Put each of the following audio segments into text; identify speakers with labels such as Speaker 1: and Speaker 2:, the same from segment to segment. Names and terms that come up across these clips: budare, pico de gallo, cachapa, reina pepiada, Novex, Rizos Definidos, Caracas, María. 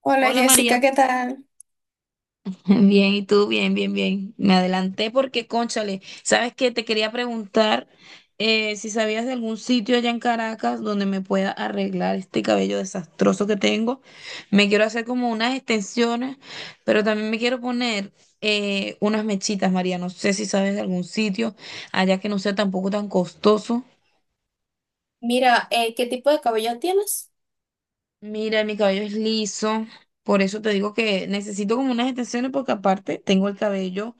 Speaker 1: Hola
Speaker 2: Hola María,
Speaker 1: Jessica, ¿qué tal?
Speaker 2: bien, ¿y tú? Bien, bien, bien. Me adelanté porque, cónchale, sabes que te quería preguntar si sabías de algún sitio allá en Caracas donde me pueda arreglar este cabello desastroso que tengo. Me quiero hacer como unas extensiones, pero también me quiero poner unas mechitas, María. No sé si sabes de algún sitio allá que no sea tampoco tan costoso.
Speaker 1: Mira, ¿qué tipo de cabello tienes?
Speaker 2: Mira, mi cabello es liso, por eso te digo que necesito como unas extensiones porque aparte tengo el cabello,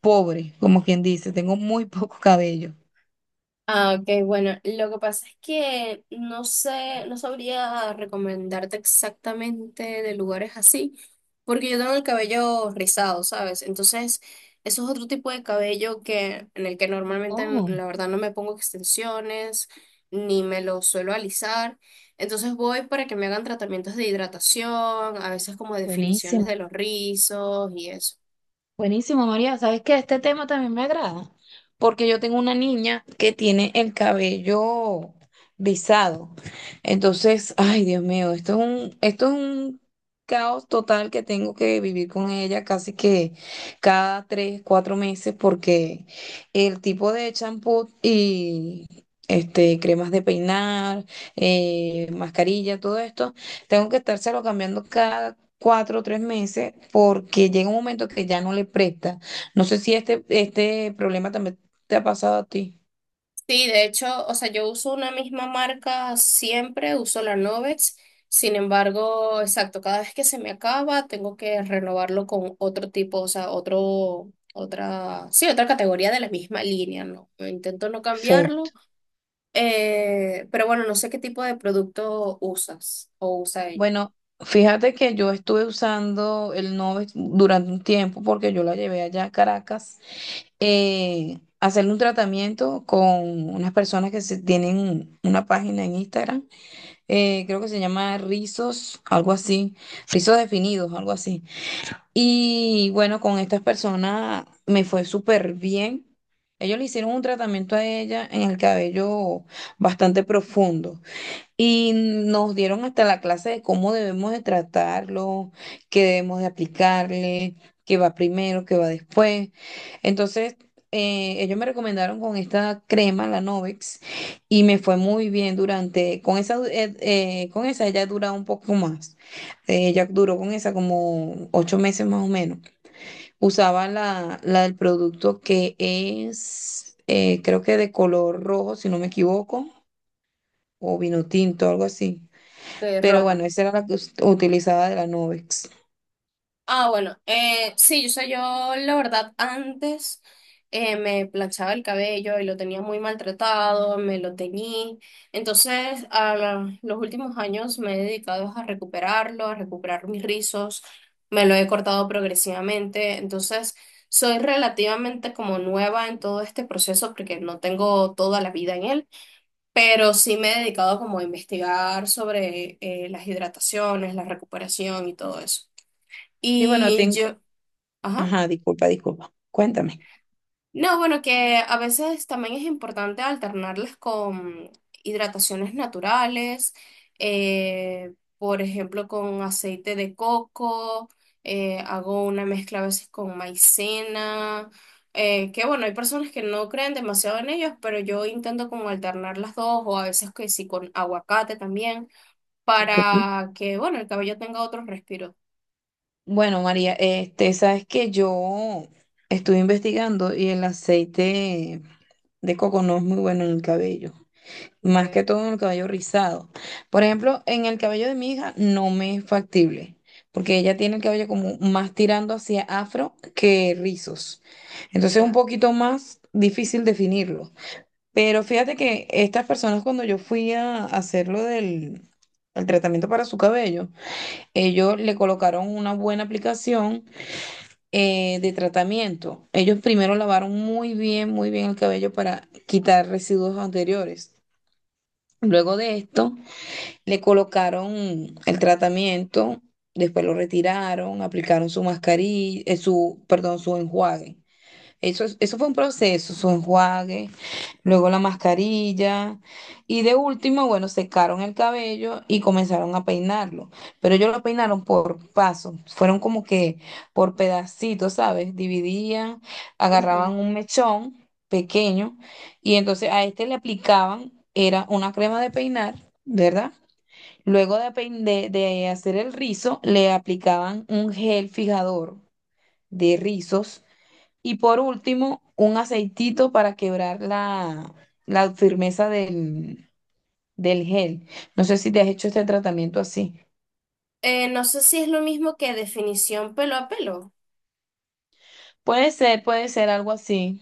Speaker 2: pobre, como quien dice, tengo muy poco cabello.
Speaker 1: Ah, ok, bueno, lo que pasa es que no sé, no sabría recomendarte exactamente de lugares así, porque yo tengo el cabello rizado, ¿sabes? Entonces, eso es otro tipo de cabello que, en el que normalmente,
Speaker 2: Oh,
Speaker 1: la verdad, no me pongo extensiones, ni me lo suelo alisar. Entonces voy para que me hagan tratamientos de hidratación, a veces como definiciones
Speaker 2: buenísimo.
Speaker 1: de los rizos y eso.
Speaker 2: Buenísimo, María. ¿Sabes qué? Este tema también me agrada, porque yo tengo una niña que tiene el cabello rizado. Entonces, ay, Dios mío, esto es un caos total que tengo que vivir con ella casi que cada 3, 4 meses, porque el tipo de champú y cremas de peinar, mascarilla, todo esto, tengo que estárselo cambiando cada 4 o 3 meses porque llega un momento que ya no le presta. No sé si este problema también te ha pasado a ti.
Speaker 1: Sí, de hecho, o sea, yo uso una misma marca siempre, uso la Novex. Sin embargo, exacto, cada vez que se me acaba, tengo que renovarlo con otro tipo, o sea, otro, otra, sí, otra categoría de la misma línea, ¿no? Intento no
Speaker 2: Sí.
Speaker 1: cambiarlo, pero bueno, no sé qué tipo de producto usas o usa ella.
Speaker 2: Bueno, fíjate que yo estuve usando el Novex durante un tiempo porque yo la llevé allá a Caracas a hacerle un tratamiento con unas personas que se tienen una página en Instagram, creo que se llama Rizos, algo así, Rizos Definidos, algo así. Y bueno, con estas personas me fue súper bien. Ellos le hicieron un tratamiento a ella en el cabello bastante profundo. Y nos dieron hasta la clase de cómo debemos de tratarlo, qué debemos de aplicarle, qué va primero, qué va después. Entonces, ellos me recomendaron con esta crema, la Novex, y me fue muy bien durante, con esa, con esa ella dura un poco más. Ella duró con esa como 8 meses más o menos. Usaba la del producto que es, creo que de color rojo, si no me equivoco, o vino tinto, algo así. Pero
Speaker 1: Rojo.
Speaker 2: bueno, esa era la que utilizaba de la Nubex.
Speaker 1: Ah, bueno, sí, yo sé, yo la verdad antes me planchaba el cabello y lo tenía muy maltratado, me lo teñí. Entonces, los últimos años me he dedicado a recuperarlo, a recuperar mis rizos, me lo he cortado progresivamente. Entonces, soy relativamente como nueva en todo este proceso porque no tengo toda la vida en él, pero sí me he dedicado como a investigar sobre las hidrataciones, la recuperación y todo eso.
Speaker 2: Y bueno,
Speaker 1: Y
Speaker 2: tengo...
Speaker 1: yo, ajá.
Speaker 2: Ajá, disculpa, disculpa. Cuéntame.
Speaker 1: No, bueno, que a veces también es importante alternarlas con hidrataciones naturales, por ejemplo, con aceite de coco, hago una mezcla a veces con maicena, que bueno, hay personas que no creen demasiado en ellos, pero yo intento como alternar las dos o a veces que sí con aguacate también,
Speaker 2: Ok.
Speaker 1: para que bueno, el cabello tenga otro respiro.
Speaker 2: Bueno, María, sabes que yo estuve investigando y el aceite de coco no es muy bueno en el cabello, más que
Speaker 1: Okay,
Speaker 2: todo en el cabello rizado. Por ejemplo, en el cabello de mi hija no me es factible, porque ella tiene el cabello como más tirando hacia afro que rizos. Entonces es un
Speaker 1: ya.
Speaker 2: poquito más difícil definirlo. Pero fíjate que estas personas cuando yo fui a hacerlo del el tratamiento para su cabello, ellos le colocaron una buena aplicación de tratamiento. Ellos primero lavaron muy bien el cabello para quitar residuos anteriores. Luego de esto, le colocaron el tratamiento, después lo retiraron, aplicaron su mascarilla, su, perdón, su enjuague. Eso, eso fue un proceso, su enjuague, luego la mascarilla y de último, bueno, secaron el cabello y comenzaron a peinarlo. Pero ellos lo peinaron por pasos, fueron como que por pedacitos, ¿sabes? Dividían,
Speaker 1: Ujú.
Speaker 2: agarraban un mechón pequeño y entonces a este le aplicaban, era una crema de peinar, ¿verdad? Luego de, pein- de hacer el rizo, le aplicaban un gel fijador de rizos y por último, un aceitito para quebrar la firmeza del gel. No sé si te has hecho este tratamiento así.
Speaker 1: No sé si es lo mismo que definición pelo a pelo.
Speaker 2: Puede ser algo así.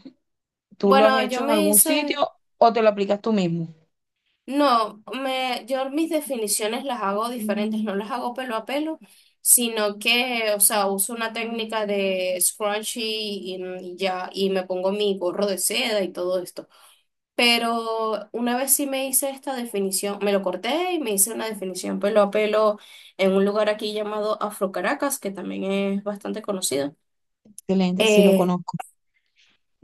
Speaker 2: ¿Tú lo has
Speaker 1: Bueno, yo
Speaker 2: hecho en
Speaker 1: me
Speaker 2: algún
Speaker 1: hice,
Speaker 2: sitio o te lo aplicas tú mismo?
Speaker 1: no, yo mis definiciones las hago diferentes, no las hago pelo a pelo, sino que, o sea, uso una técnica de scrunchie y ya, y me pongo mi gorro de seda y todo esto. Pero una vez sí me hice esta definición, me lo corté y me hice una definición pelo a pelo en un lugar aquí llamado Afro Caracas, que también es bastante conocido.
Speaker 2: Excelente, sí lo
Speaker 1: Eh,
Speaker 2: conozco.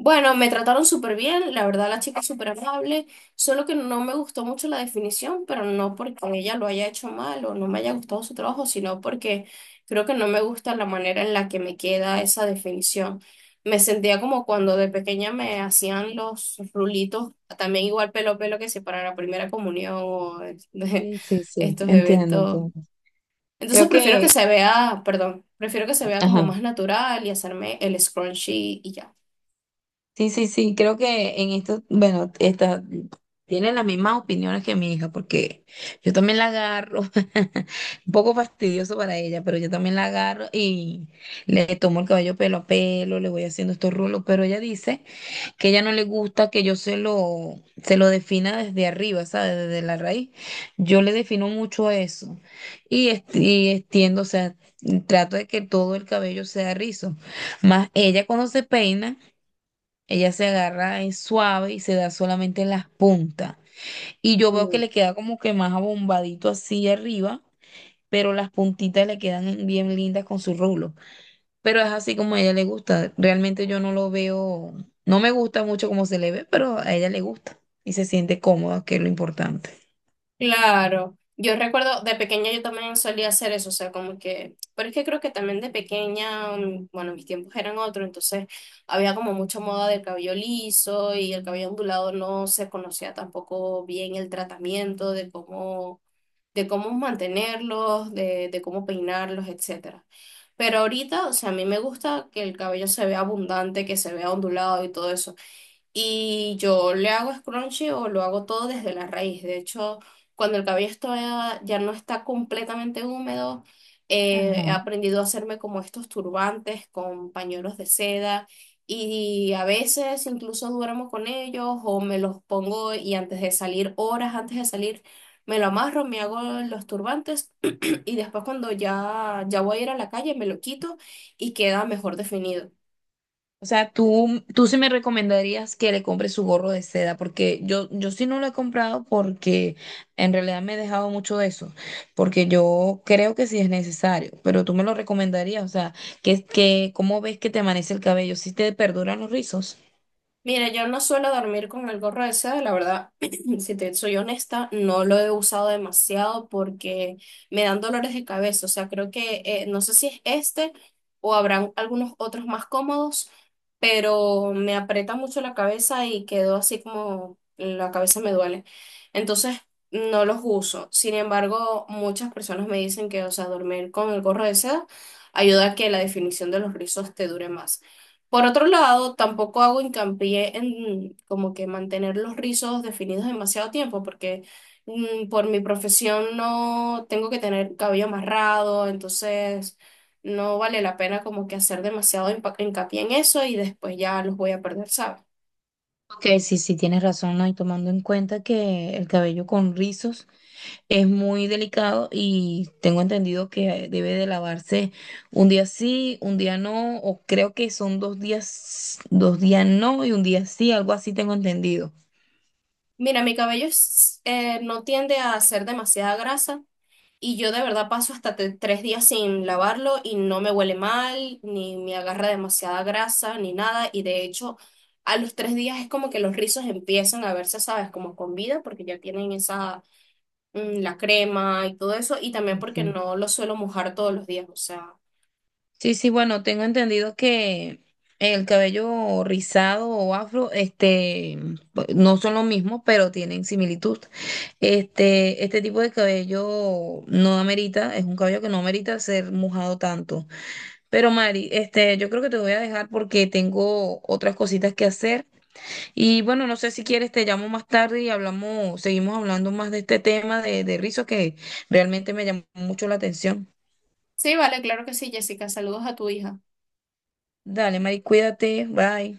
Speaker 1: Bueno, me trataron súper bien, la verdad la chica es súper amable, solo que no me gustó mucho la definición, pero no porque ella lo haya hecho mal o no me haya gustado su trabajo, sino porque creo que no me gusta la manera en la que me queda esa definición. Me sentía como cuando de pequeña me hacían los rulitos, también igual pelo a pelo que si para la primera comunión o de
Speaker 2: Sí, sí, sí,
Speaker 1: estos
Speaker 2: entiendo,
Speaker 1: eventos.
Speaker 2: entiendo.
Speaker 1: Entonces
Speaker 2: Creo
Speaker 1: prefiero que
Speaker 2: que,
Speaker 1: se vea, perdón, prefiero que se vea como
Speaker 2: ajá.
Speaker 1: más natural y hacerme el scrunchie y ya.
Speaker 2: Sí, sí, sí, creo que en esto, bueno, esta, tiene las mismas opiniones que mi hija, porque yo también la agarro, un poco fastidioso para ella, pero yo también la agarro y le tomo el cabello pelo a pelo, le voy haciendo estos rulos, pero ella dice que ella no le gusta que yo se lo defina desde arriba, ¿sabes? Desde la raíz. Yo le defino mucho eso y extiendo, o sea, trato de que todo el cabello sea rizo, más ella cuando se peina. Ella se agarra es suave y se da solamente en las puntas. Y yo veo que le queda como que más abombadito así arriba, pero las puntitas le quedan bien lindas con su rulo. Pero es así como a ella le gusta. Realmente yo no lo veo, no me gusta mucho cómo se le ve, pero a ella le gusta y se siente cómoda, que es lo importante.
Speaker 1: Claro, yo recuerdo de pequeña yo también solía hacer eso, o sea, como que, pero es que creo que también de pequeña, bueno, mis tiempos eran otros, entonces había como mucha moda del cabello liso y el cabello ondulado no se conocía tampoco bien el tratamiento de cómo mantenerlos, de cómo peinarlos, etcétera. Pero ahorita, o sea, a mí me gusta que el cabello se vea abundante, que se vea ondulado y todo eso. Y yo le hago scrunchy o lo hago todo desde la raíz. De hecho, cuando el cabello ya no está completamente húmedo, he
Speaker 2: Ajá.
Speaker 1: aprendido a hacerme como estos turbantes con pañuelos de seda y a veces incluso duermo con ellos o me los pongo y antes de salir, horas antes de salir, me lo amarro, me hago los turbantes y después cuando ya voy a ir a la calle me lo quito y queda mejor definido.
Speaker 2: O sea, tú sí me recomendarías que le compre su gorro de seda, porque yo sí no lo he comprado porque en realidad me he dejado mucho de eso, porque yo creo que sí es necesario, pero tú me lo recomendarías, o sea, que, ¿cómo ves que te amanece el cabello? ¿Si te perduran los rizos?
Speaker 1: Mira, yo no suelo dormir con el gorro ese, la verdad, si te soy honesta, no lo he usado demasiado porque me dan dolores de cabeza, o sea, creo que no sé si es este o habrán algunos otros más cómodos, pero me aprieta mucho la cabeza y quedo así como la cabeza me duele. Entonces, no los uso. Sin embargo, muchas personas me dicen que, o sea, dormir con el gorro de seda ayuda a que la definición de los rizos te dure más. Por otro lado, tampoco hago hincapié en como que mantener los rizos definidos demasiado tiempo, porque por mi profesión no tengo que tener cabello amarrado, entonces no vale la pena como que hacer demasiado hincapié en eso y después ya los voy a perder, ¿sabes?
Speaker 2: Ok, sí, sí, tienes razón, ¿no? Y tomando en cuenta que el cabello con rizos es muy delicado y tengo entendido que debe de lavarse un día sí, un día no, o creo que son 2 días, 2 días no y un día sí, algo así tengo entendido.
Speaker 1: Mira, mi cabello no tiende a hacer demasiada grasa, y yo de verdad paso hasta 3 días sin lavarlo y no me huele mal, ni me agarra demasiada grasa, ni nada. Y de hecho, a los 3 días es como que los rizos empiezan a verse, ¿sabes? Como con vida, porque ya tienen esa, la crema y todo eso. Y también
Speaker 2: Sí,
Speaker 1: porque
Speaker 2: sí.
Speaker 1: no lo suelo mojar todos los días. O sea,
Speaker 2: Sí, sí, bueno, tengo entendido que el cabello rizado o afro, este, no son lo mismo, pero tienen similitud. Este tipo de cabello no amerita, es un cabello que no amerita ser mojado tanto. Pero Mari, yo creo que te voy a dejar porque tengo otras cositas que hacer. Y bueno, no sé si quieres, te llamo más tarde y hablamos, seguimos hablando más de este tema de, rizos que realmente me llamó mucho la atención.
Speaker 1: sí, vale, claro que sí, Jessica. Saludos a tu hija.
Speaker 2: Dale, Mari, cuídate, bye.